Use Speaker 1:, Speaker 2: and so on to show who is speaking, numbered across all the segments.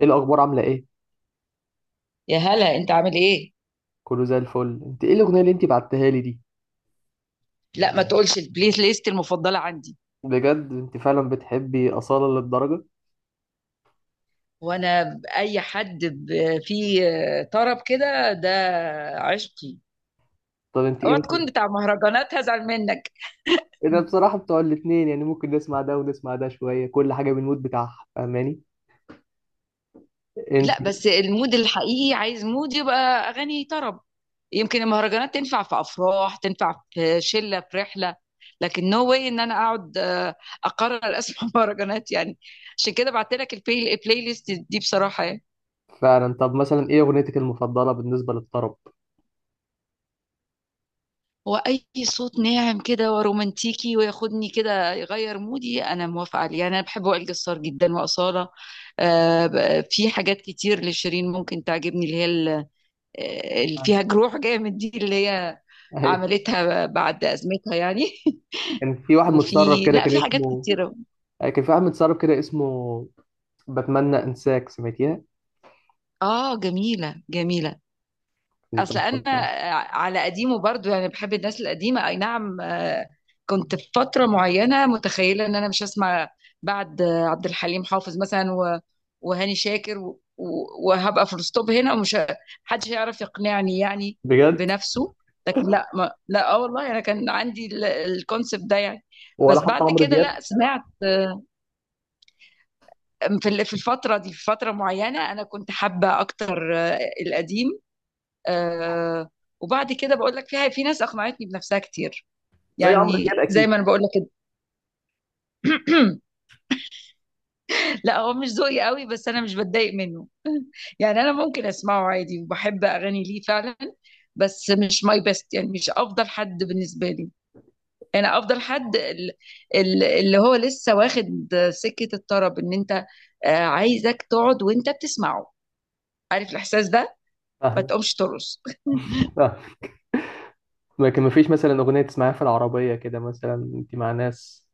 Speaker 1: ايه الاخبار؟ عامله ايه؟
Speaker 2: يا هلا، انت عامل ايه؟
Speaker 1: كله زي الفل. انت ايه الاغنيه اللي انت بعتها لي دي؟
Speaker 2: لا، ما تقولش البلاي ليست المفضله عندي.
Speaker 1: بجد انت فعلا بتحبي اصاله للدرجه؟
Speaker 2: وانا اي حد فيه طرب كده، ده عشقي.
Speaker 1: طب انت ايه
Speaker 2: اوعى تكون
Speaker 1: مثلا؟
Speaker 2: بتاع مهرجانات، هزعل منك.
Speaker 1: ايه ده؟ بصراحه بتوع الاتنين، يعني ممكن نسمع ده ونسمع ده شويه، كل حاجه بالمود بتاعها. فاهماني انت؟
Speaker 2: لا، بس المود الحقيقي عايز مود يبقى اغاني طرب. يمكن المهرجانات تنفع في افراح، تنفع في شله، في رحله، لكن نو واي ان انا اقعد، اقرر اسمع مهرجانات يعني. عشان كده بعت لك البلاي ليست دي بصراحه يعني.
Speaker 1: فعلا. طب مثلا ايه اغنيتك المفضله بالنسبه للطرب؟
Speaker 2: هو اي صوت ناعم كده ورومانتيكي وياخدني كده يغير مودي انا موافقه عليه يعني. انا بحب وائل جسار جدا واصاله. في حاجات كتير لشيرين ممكن تعجبني، اللي هي اللي
Speaker 1: آه.
Speaker 2: فيها جروح جامد دي، اللي هي
Speaker 1: اي.
Speaker 2: عملتها بعد ازمتها يعني
Speaker 1: كان في واحد
Speaker 2: وفي،
Speaker 1: متسرب كده
Speaker 2: لا،
Speaker 1: كان
Speaker 2: في حاجات
Speaker 1: اسمه.
Speaker 2: كتيره.
Speaker 1: كان في واحد متسرب كده اسمه. بتمنى انساك، سمعتيها؟
Speaker 2: اه، جميله جميله.
Speaker 1: كنت
Speaker 2: اصل انا
Speaker 1: مفضله.
Speaker 2: على قديمه برضو، يعني بحب الناس القديمه، اي نعم، كنت في فتره معينه متخيله ان انا مش هسمع بعد عبد الحليم حافظ مثلا، وهاني شاكر وهبقى في الستوب هنا، محدش هيعرف يقنعني يعني،
Speaker 1: بجد؟
Speaker 2: بنفسه. لكن لا، ما لا، اه والله انا كان عندي الكونسبت ده يعني.
Speaker 1: ولا
Speaker 2: بس
Speaker 1: حتى
Speaker 2: بعد
Speaker 1: عمرو
Speaker 2: كده
Speaker 1: دياب؟
Speaker 2: لا، سمعت في الفتره دي، في فتره معينه انا كنت حابه اكتر القديم. آه وبعد كده بقول لك، فيها في ناس اقنعتني بنفسها كتير،
Speaker 1: زي عمرو دياب
Speaker 2: يعني زي
Speaker 1: اكيد.
Speaker 2: ما انا بقول لك كده. لا، هو مش ذوقي قوي، بس انا مش بتضايق منه، يعني انا ممكن اسمعه عادي وبحب اغاني ليه فعلا. بس مش ماي بيست، يعني مش افضل حد بالنسبه لي. انا افضل حد اللي هو لسه واخد سكه الطرب، ان انت عايزك تقعد وانت بتسمعه، عارف الاحساس ده، ما
Speaker 1: فاهم.
Speaker 2: تقومش ترقص
Speaker 1: لكن مفيش مثلا أغنية تسمعها في العربية كده، مثلا أنت مع ناس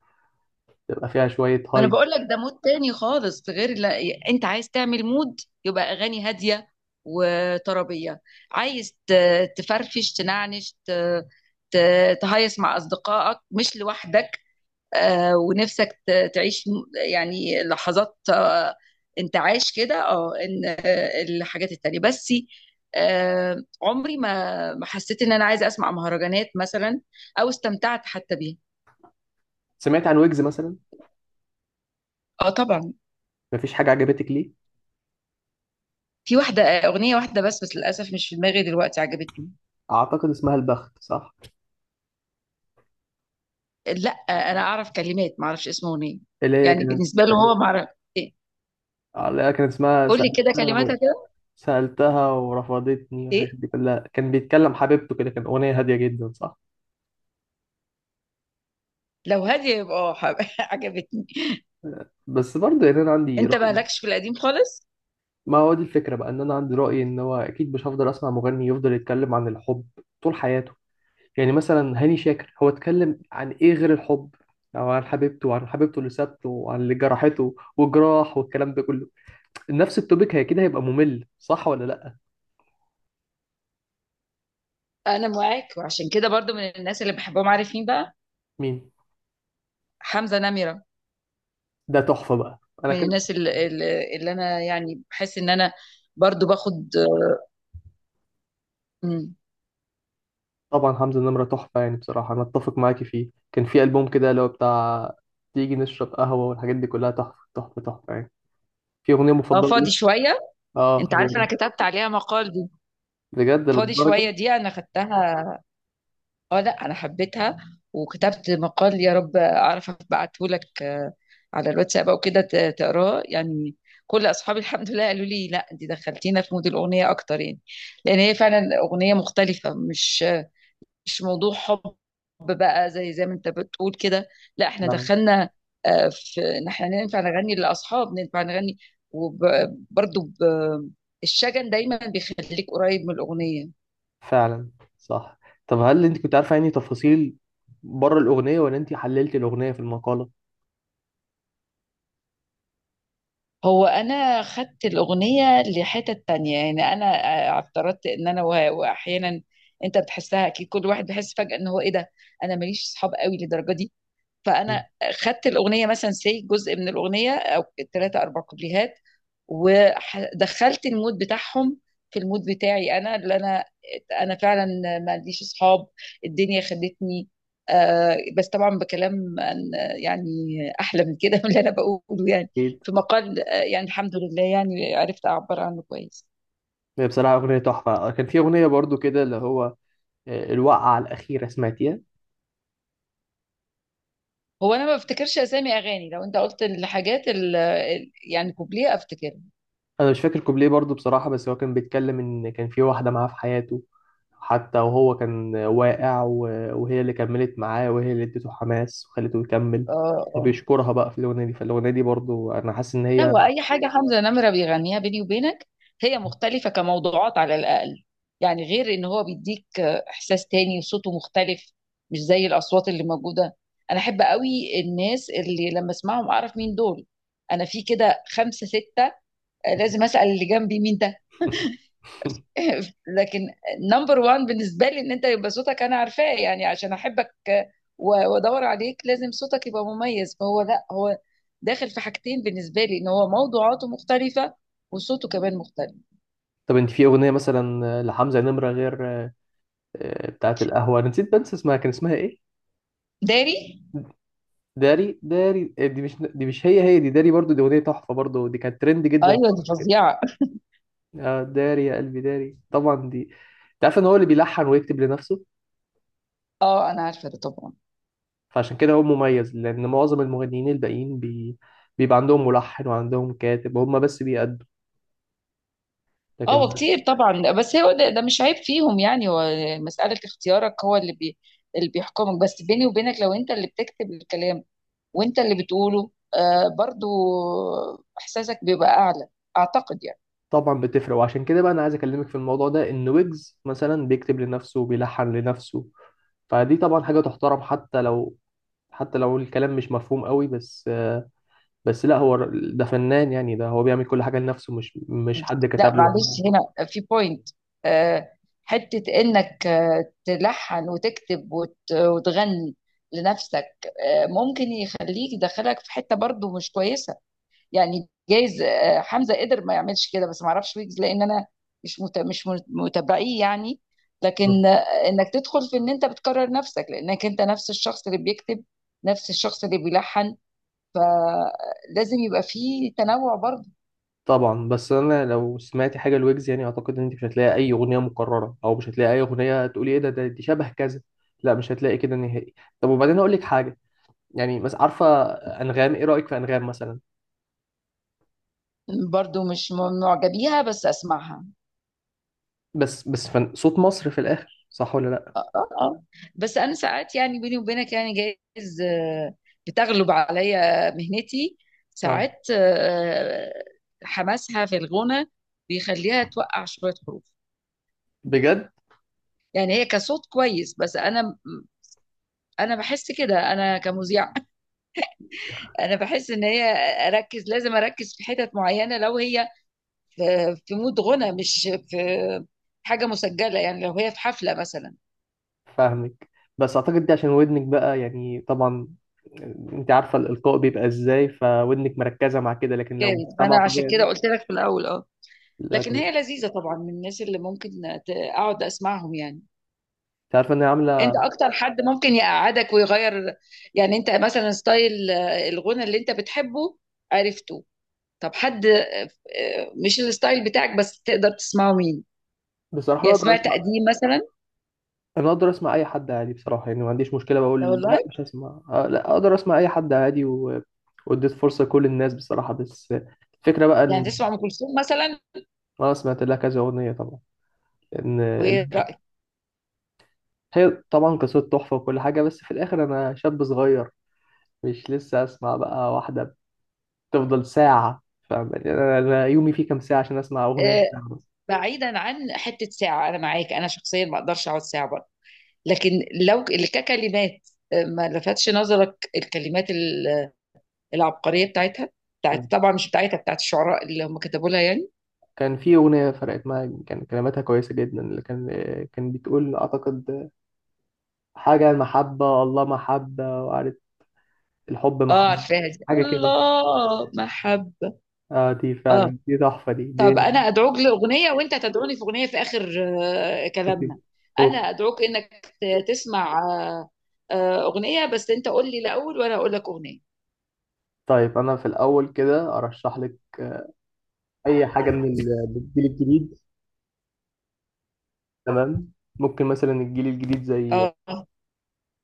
Speaker 1: تبقى فيها شوية
Speaker 2: ما انا
Speaker 1: هايب؟
Speaker 2: بقول لك ده مود تاني خالص، غير لا، انت عايز تعمل مود يبقى اغاني هاديه وطربيه، عايز تفرفش، تنعنش، تهيص مع اصدقائك مش لوحدك، ونفسك تعيش يعني لحظات انتعاش كده، اه، ان الحاجات التانيه بس. آه، عمري ما حسيت ان انا عايزه اسمع مهرجانات مثلا، او استمتعت حتى بيها.
Speaker 1: سمعت عن ويجز مثلا؟
Speaker 2: اه، طبعا.
Speaker 1: مفيش حاجة عجبتك ليه؟
Speaker 2: في واحدة، أغنية واحدة بس، للأسف مش في دماغي دلوقتي، عجبتني.
Speaker 1: أعتقد اسمها البخت، صح؟
Speaker 2: لا، أنا أعرف كلمات، ما أعرفش اسم أغنية،
Speaker 1: اللي هي
Speaker 2: يعني
Speaker 1: كانت.
Speaker 2: بالنسبة له هو، ما أعرف. إيه؟
Speaker 1: اللي هي كانت اسمها
Speaker 2: قول لي كده
Speaker 1: سألتها و
Speaker 2: كلماتها كده.
Speaker 1: سألتها ورفضتني والحاجات
Speaker 2: إيه؟
Speaker 1: دي كلها، كان بيتكلم حبيبته كده، كان أغنية هادية جدا، صح؟
Speaker 2: لو هادية يبقى عجبتني.
Speaker 1: بس برضه يعني أنا عندي
Speaker 2: أنت
Speaker 1: رأي.
Speaker 2: مالكش في القديم خالص؟
Speaker 1: ما هو دي الفكرة بقى، إن أنا عندي رأي إن هو أكيد مش هفضل أسمع مغني يفضل يتكلم عن الحب طول حياته. يعني مثلا هاني شاكر هو اتكلم عن ايه غير الحب؟ او عن حبيبته وعن حبيبته اللي سابته وعن اللي جرحته وجراح والكلام ده كله. نفس التوبيك، هي كده هيبقى ممل، صح ولا لا؟
Speaker 2: أنا معاك، وعشان كده برضو من الناس اللي بحبهم، عارف مين بقى؟
Speaker 1: مين؟
Speaker 2: حمزة نمرة.
Speaker 1: ده تحفة بقى، انا
Speaker 2: من
Speaker 1: كده.
Speaker 2: الناس اللي أنا يعني بحس إن أنا برضو باخد. مم.
Speaker 1: طبعا حمزة النمرة تحفة، يعني بصراحة انا اتفق معاكي فيه. كان في ألبوم كده اللي هو بتاع تيجي نشرب قهوة، والحاجات دي كلها تحفة تحفة تحفة يعني. في أغنية
Speaker 2: اه،
Speaker 1: مفضلة
Speaker 2: فاضي
Speaker 1: لي.
Speaker 2: شوية.
Speaker 1: اه
Speaker 2: انت
Speaker 1: هو
Speaker 2: عارف
Speaker 1: ده.
Speaker 2: انا كتبت عليها مقال دي؟
Speaker 1: بجد
Speaker 2: فاضي
Speaker 1: للدرجة؟
Speaker 2: شوية دي انا خدتها. اه لا، انا حبيتها وكتبت مقال، يا رب اعرف ابعته لك على الواتساب او كده، تقراه يعني. كل اصحابي الحمد لله قالوا لي لا، انت دخلتينا في مود الاغنيه اكتر يعني، لان هي فعلا اغنيه مختلفه، مش موضوع حب، بقى زي ما انت بتقول كده. لا، احنا
Speaker 1: يعني
Speaker 2: دخلنا في ان احنا ننفع نغني للاصحاب، ننفع نغني، وبرضه الشجن دايما بيخليك قريب من الاغنيه.
Speaker 1: فعلا. صح. طب هل انت كنت عارفه يعني تفاصيل بره الاغنيه، ولا انت حللت الاغنيه في المقاله؟
Speaker 2: هو انا خدت الاغنيه لحتت تانية، يعني انا افترضت ان انا واحيانا انت بتحسها اكيد، كل واحد بيحس فجاه ان هو ايه ده. انا ماليش اصحاب قوي للدرجه دي،
Speaker 1: مم.
Speaker 2: فانا خدت الاغنيه مثلا سي جزء من الاغنيه او 3 4 كوبليهات، ودخلت المود بتاعهم في المود بتاعي انا، اللي انا، فعلا ما عنديش اصحاب، الدنيا خدتني. بس طبعا بكلام يعني، احلى من كده من اللي انا بقوله يعني.
Speaker 1: اكيد.
Speaker 2: في مقال يعني الحمد لله، يعني عرفت اعبر عنه كويس.
Speaker 1: هي بصراحه اغنيه تحفه. كان في اغنيه برضو كده اللي هو الوقعه الاخيره، سمعتيها؟
Speaker 2: هو انا ما بفتكرش اسامي اغاني، لو انت قلت الحاجات يعني كوبليه افتكرها.
Speaker 1: انا مش فاكر كوبليه برضو بصراحه، بس هو كان بيتكلم ان كان في واحده معاه في حياته حتى وهو كان واقع، وهي اللي كملت معاه وهي اللي اديته حماس وخلته يكمل.
Speaker 2: اه، اه.
Speaker 1: وبيشكرها بقى في الاغنيه دي، فالاغنيه دي برضو انا حاسس ان
Speaker 2: لا،
Speaker 1: هي
Speaker 2: هو اي حاجه حمزه نمره بيغنيها، بيني وبينك، هي مختلفه كموضوعات على الاقل، يعني غير ان هو بيديك احساس تاني وصوته مختلف، مش زي الاصوات اللي موجوده. انا احب قوي الناس اللي لما اسمعهم اعرف مين دول. انا في كده 5 6 لازم اسال اللي جنبي مين. لكن نمبر وان بالنسبة لي ان انت يبقى صوتك انا عارفاه، يعني عشان احبك وادور عليك، لازم صوتك يبقى مميز، فهو لا، هو داخل في حاجتين بالنسبة لي، ان هو موضوعاته مختلفة وصوته كمان مختلف.
Speaker 1: طب انت في اغنيه مثلا لحمزه نمره غير بتاعت القهوة؟ أنا نسيت، بنسى اسمها، كان اسمها إيه؟
Speaker 2: داري.
Speaker 1: داري. داري دي مش مش هي دي. داري برضو دي أغنية تحفة، برضو دي كانت ترند جدا
Speaker 2: ايوه، دي
Speaker 1: فترة كده.
Speaker 2: فظيعة.
Speaker 1: داري يا قلبي داري، طبعا دي. أنت عارف إن هو اللي بيلحن ويكتب لنفسه؟
Speaker 2: اه، انا عارفة ده طبعا.
Speaker 1: فعشان كده هو مميز، لأن معظم المغنيين الباقيين بيبقى عندهم ملحن وعندهم كاتب، هما بس بيأدوا.
Speaker 2: اه،
Speaker 1: لكن
Speaker 2: وكتير طبعا، بس هو ده مش عيب فيهم، يعني هو مسألة اختيارك، هو اللي بيحكمك. بس بيني وبينك، لو انت اللي بتكتب الكلام وانت اللي بتقوله، برضو احساسك بيبقى اعلى، اعتقد يعني.
Speaker 1: طبعا بتفرق، وعشان كده بقى أنا عايز أكلمك في الموضوع ده إن ويجز مثلا بيكتب لنفسه وبيلحن لنفسه. فدي طبعا حاجة تحترم، حتى لو الكلام مش مفهوم قوي، بس بس لا، هو ده فنان، يعني ده هو بيعمل كل حاجة لنفسه، مش حد
Speaker 2: لا
Speaker 1: كتب له.
Speaker 2: معلش، هنا في بوينت، آه حتة انك تلحن وتكتب وتغني لنفسك، ممكن يخليك، يدخلك في حتة برضو مش كويسة. يعني جايز حمزة قدر ما يعملش كده، بس ما اعرفش ويجز لان انا مش مت... مش مت- متابعيه يعني. لكن انك تدخل في ان انت بتكرر نفسك، لانك انت نفس الشخص اللي بيكتب، نفس الشخص اللي بيلحن، فلازم يبقى فيه تنوع برضه.
Speaker 1: طبعا، بس انا لو سمعتي حاجة لويجز يعني اعتقد ان انت مش هتلاقي اي اغنية مكررة، او مش هتلاقي اي اغنية تقولي ايه ده دي شبه كذا. لا مش هتلاقي كده نهائي. طب، وبعدين اقول لك حاجة. يعني بس عارفة. انغام، ايه رأيك في انغام مثلا؟
Speaker 2: برضه مش معجبيها بيها، بس اسمعها.
Speaker 1: بس صوت مصر في الاخر، صح ولا لا؟
Speaker 2: اه، اه، آه. بس انا ساعات يعني، بيني وبينك يعني، جايز بتغلب عليا مهنتي
Speaker 1: اه،
Speaker 2: ساعات، حماسها في الغنى بيخليها توقع شوية حروف.
Speaker 1: بجد.
Speaker 2: يعني هي كصوت كويس، بس انا، انا بحس كده انا كمذيعة انا بحس ان هي، اركز، لازم اركز في حتت معينة لو هي في، في مود غنى مش في حاجه مسجله، يعني لو هي في حفله مثلا.
Speaker 1: فاهمك. بس اعتقد دي عشان ودنك بقى، يعني طبعا انت عارفه الالقاء بيبقى ازاي، فودنك مركزه مع كده. لكن لو
Speaker 2: جايز، ما انا
Speaker 1: مجتمع
Speaker 2: عشان كده
Speaker 1: طبيعي.
Speaker 2: قلت لك في الاول اه.
Speaker 1: لكن
Speaker 2: لكن هي
Speaker 1: انت.
Speaker 2: لذيذه طبعا، من الناس اللي ممكن اقعد اسمعهم يعني.
Speaker 1: عارفه ان هي
Speaker 2: انت
Speaker 1: عامله.
Speaker 2: اكتر حد ممكن يقعدك ويغير، يعني انت مثلا ستايل الغنى اللي انت بتحبه عرفته. طب حد مش الستايل بتاعك بس تقدر تسمعه، مين؟
Speaker 1: بصراحه انا
Speaker 2: يعني
Speaker 1: اقدر
Speaker 2: سمعت
Speaker 1: اسمع.
Speaker 2: قديم مثلا؟
Speaker 1: انا اقدر اسمع اي حد عادي بصراحه، يعني ما عنديش مشكله
Speaker 2: لا
Speaker 1: بقول لا
Speaker 2: والله.
Speaker 1: مش هسمع لا اقدر اسمع اي حد عادي و واديت فرصه لكل الناس بصراحه، بس الفكره بقى
Speaker 2: يعني
Speaker 1: ان
Speaker 2: تسمع ام كلثوم مثلا؟
Speaker 1: انا سمعت لها كذا اغنيه طبعا، ان
Speaker 2: وايه رايك؟
Speaker 1: هي طبعا قصه تحفه وكل حاجه، بس في الاخر انا شاب صغير، مش لسه اسمع بقى واحده تفضل ساعة. فاهم يعني أنا يومي فيه كام ساعة عشان أسمع أغنية
Speaker 2: آه،
Speaker 1: ساعة بس؟
Speaker 2: بعيدا عن حتة ساعة، أنا معاك، أنا شخصيا ما أقدرش أقعد ساعة برضه. لكن لو اللي ككلمات ما لفتش نظرك الكلمات العبقرية بتاعتها، بتاعت
Speaker 1: كان.
Speaker 2: طبعا، مش بتاعتها، بتاعت الشعراء اللي هم كتبوا لها يعني.
Speaker 1: كان في أغنية فرقت معايا، كان كلماتها كويسة جدا، اللي كان كان بتقول أعتقد حاجة عن المحبة، الله محبة وعارف الحب
Speaker 2: اه،
Speaker 1: محبة،
Speaker 2: عارفاها دي،
Speaker 1: حاجة كده.
Speaker 2: الله محبة.
Speaker 1: آه دي
Speaker 2: اه.
Speaker 1: فعلا، دي تحفة دي
Speaker 2: طب
Speaker 1: دي
Speaker 2: أنا أدعوك لأغنية وأنت تدعوني في أغنية في آخر
Speaker 1: أوكي.
Speaker 2: كلامنا. أنا
Speaker 1: أوكي.
Speaker 2: أدعوك إنك تسمع أغنية، بس أنت قول لي الأول وأنا أقول لك أغنية.
Speaker 1: طيب، أنا في الأول كده أرشح لك أي حاجة من الجيل الجديد. تمام. ممكن مثلا الجيل الجديد زي،
Speaker 2: اه.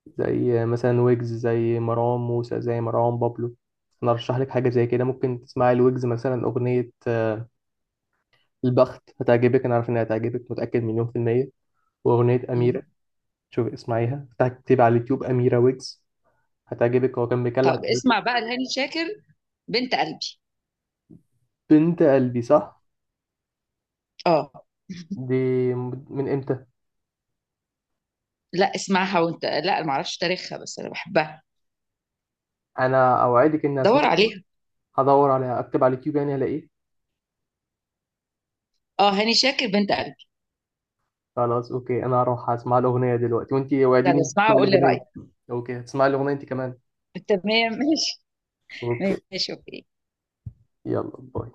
Speaker 1: مثلا ويجز، زي مروان موسى، زي مروان بابلو. انا ارشح لك حاجه زي كده، ممكن تسمعي الويجز مثلا اغنيه البخت. هتعجبك، انا عارف انها هتعجبك، متاكد مليون في الميه. واغنيه
Speaker 2: مم.
Speaker 1: اميره. شوف، اسمعيها، اكتبي على اليوتيوب اميره ويجز. هتعجبك، هو كان بيكلم
Speaker 2: طب
Speaker 1: حضرتك.
Speaker 2: اسمع بقى لهاني شاكر، بنت قلبي.
Speaker 1: بنت قلبي صح.
Speaker 2: اه.
Speaker 1: دي من امتى؟
Speaker 2: لا، اسمعها وانت، لا ما اعرفش تاريخها بس انا بحبها.
Speaker 1: انا اوعدك اني
Speaker 2: دور
Speaker 1: اسمعها.
Speaker 2: عليها.
Speaker 1: هدور عليها، اكتب على اليوتيوب يعني هلاقيه.
Speaker 2: اه، هاني شاكر، بنت قلبي.
Speaker 1: خلاص، اوكي، انا هروح اسمع الاغنيه دلوقتي، وانتي وعديني
Speaker 2: يلا اسمعها
Speaker 1: تسمعي
Speaker 2: وقول لي
Speaker 1: الاغنيه.
Speaker 2: رايك.
Speaker 1: اوكي هتسمعي الاغنيه انت كمان؟
Speaker 2: تمام ماشي.
Speaker 1: اوكي.
Speaker 2: ماشي، اوكي.
Speaker 1: يلا، باي.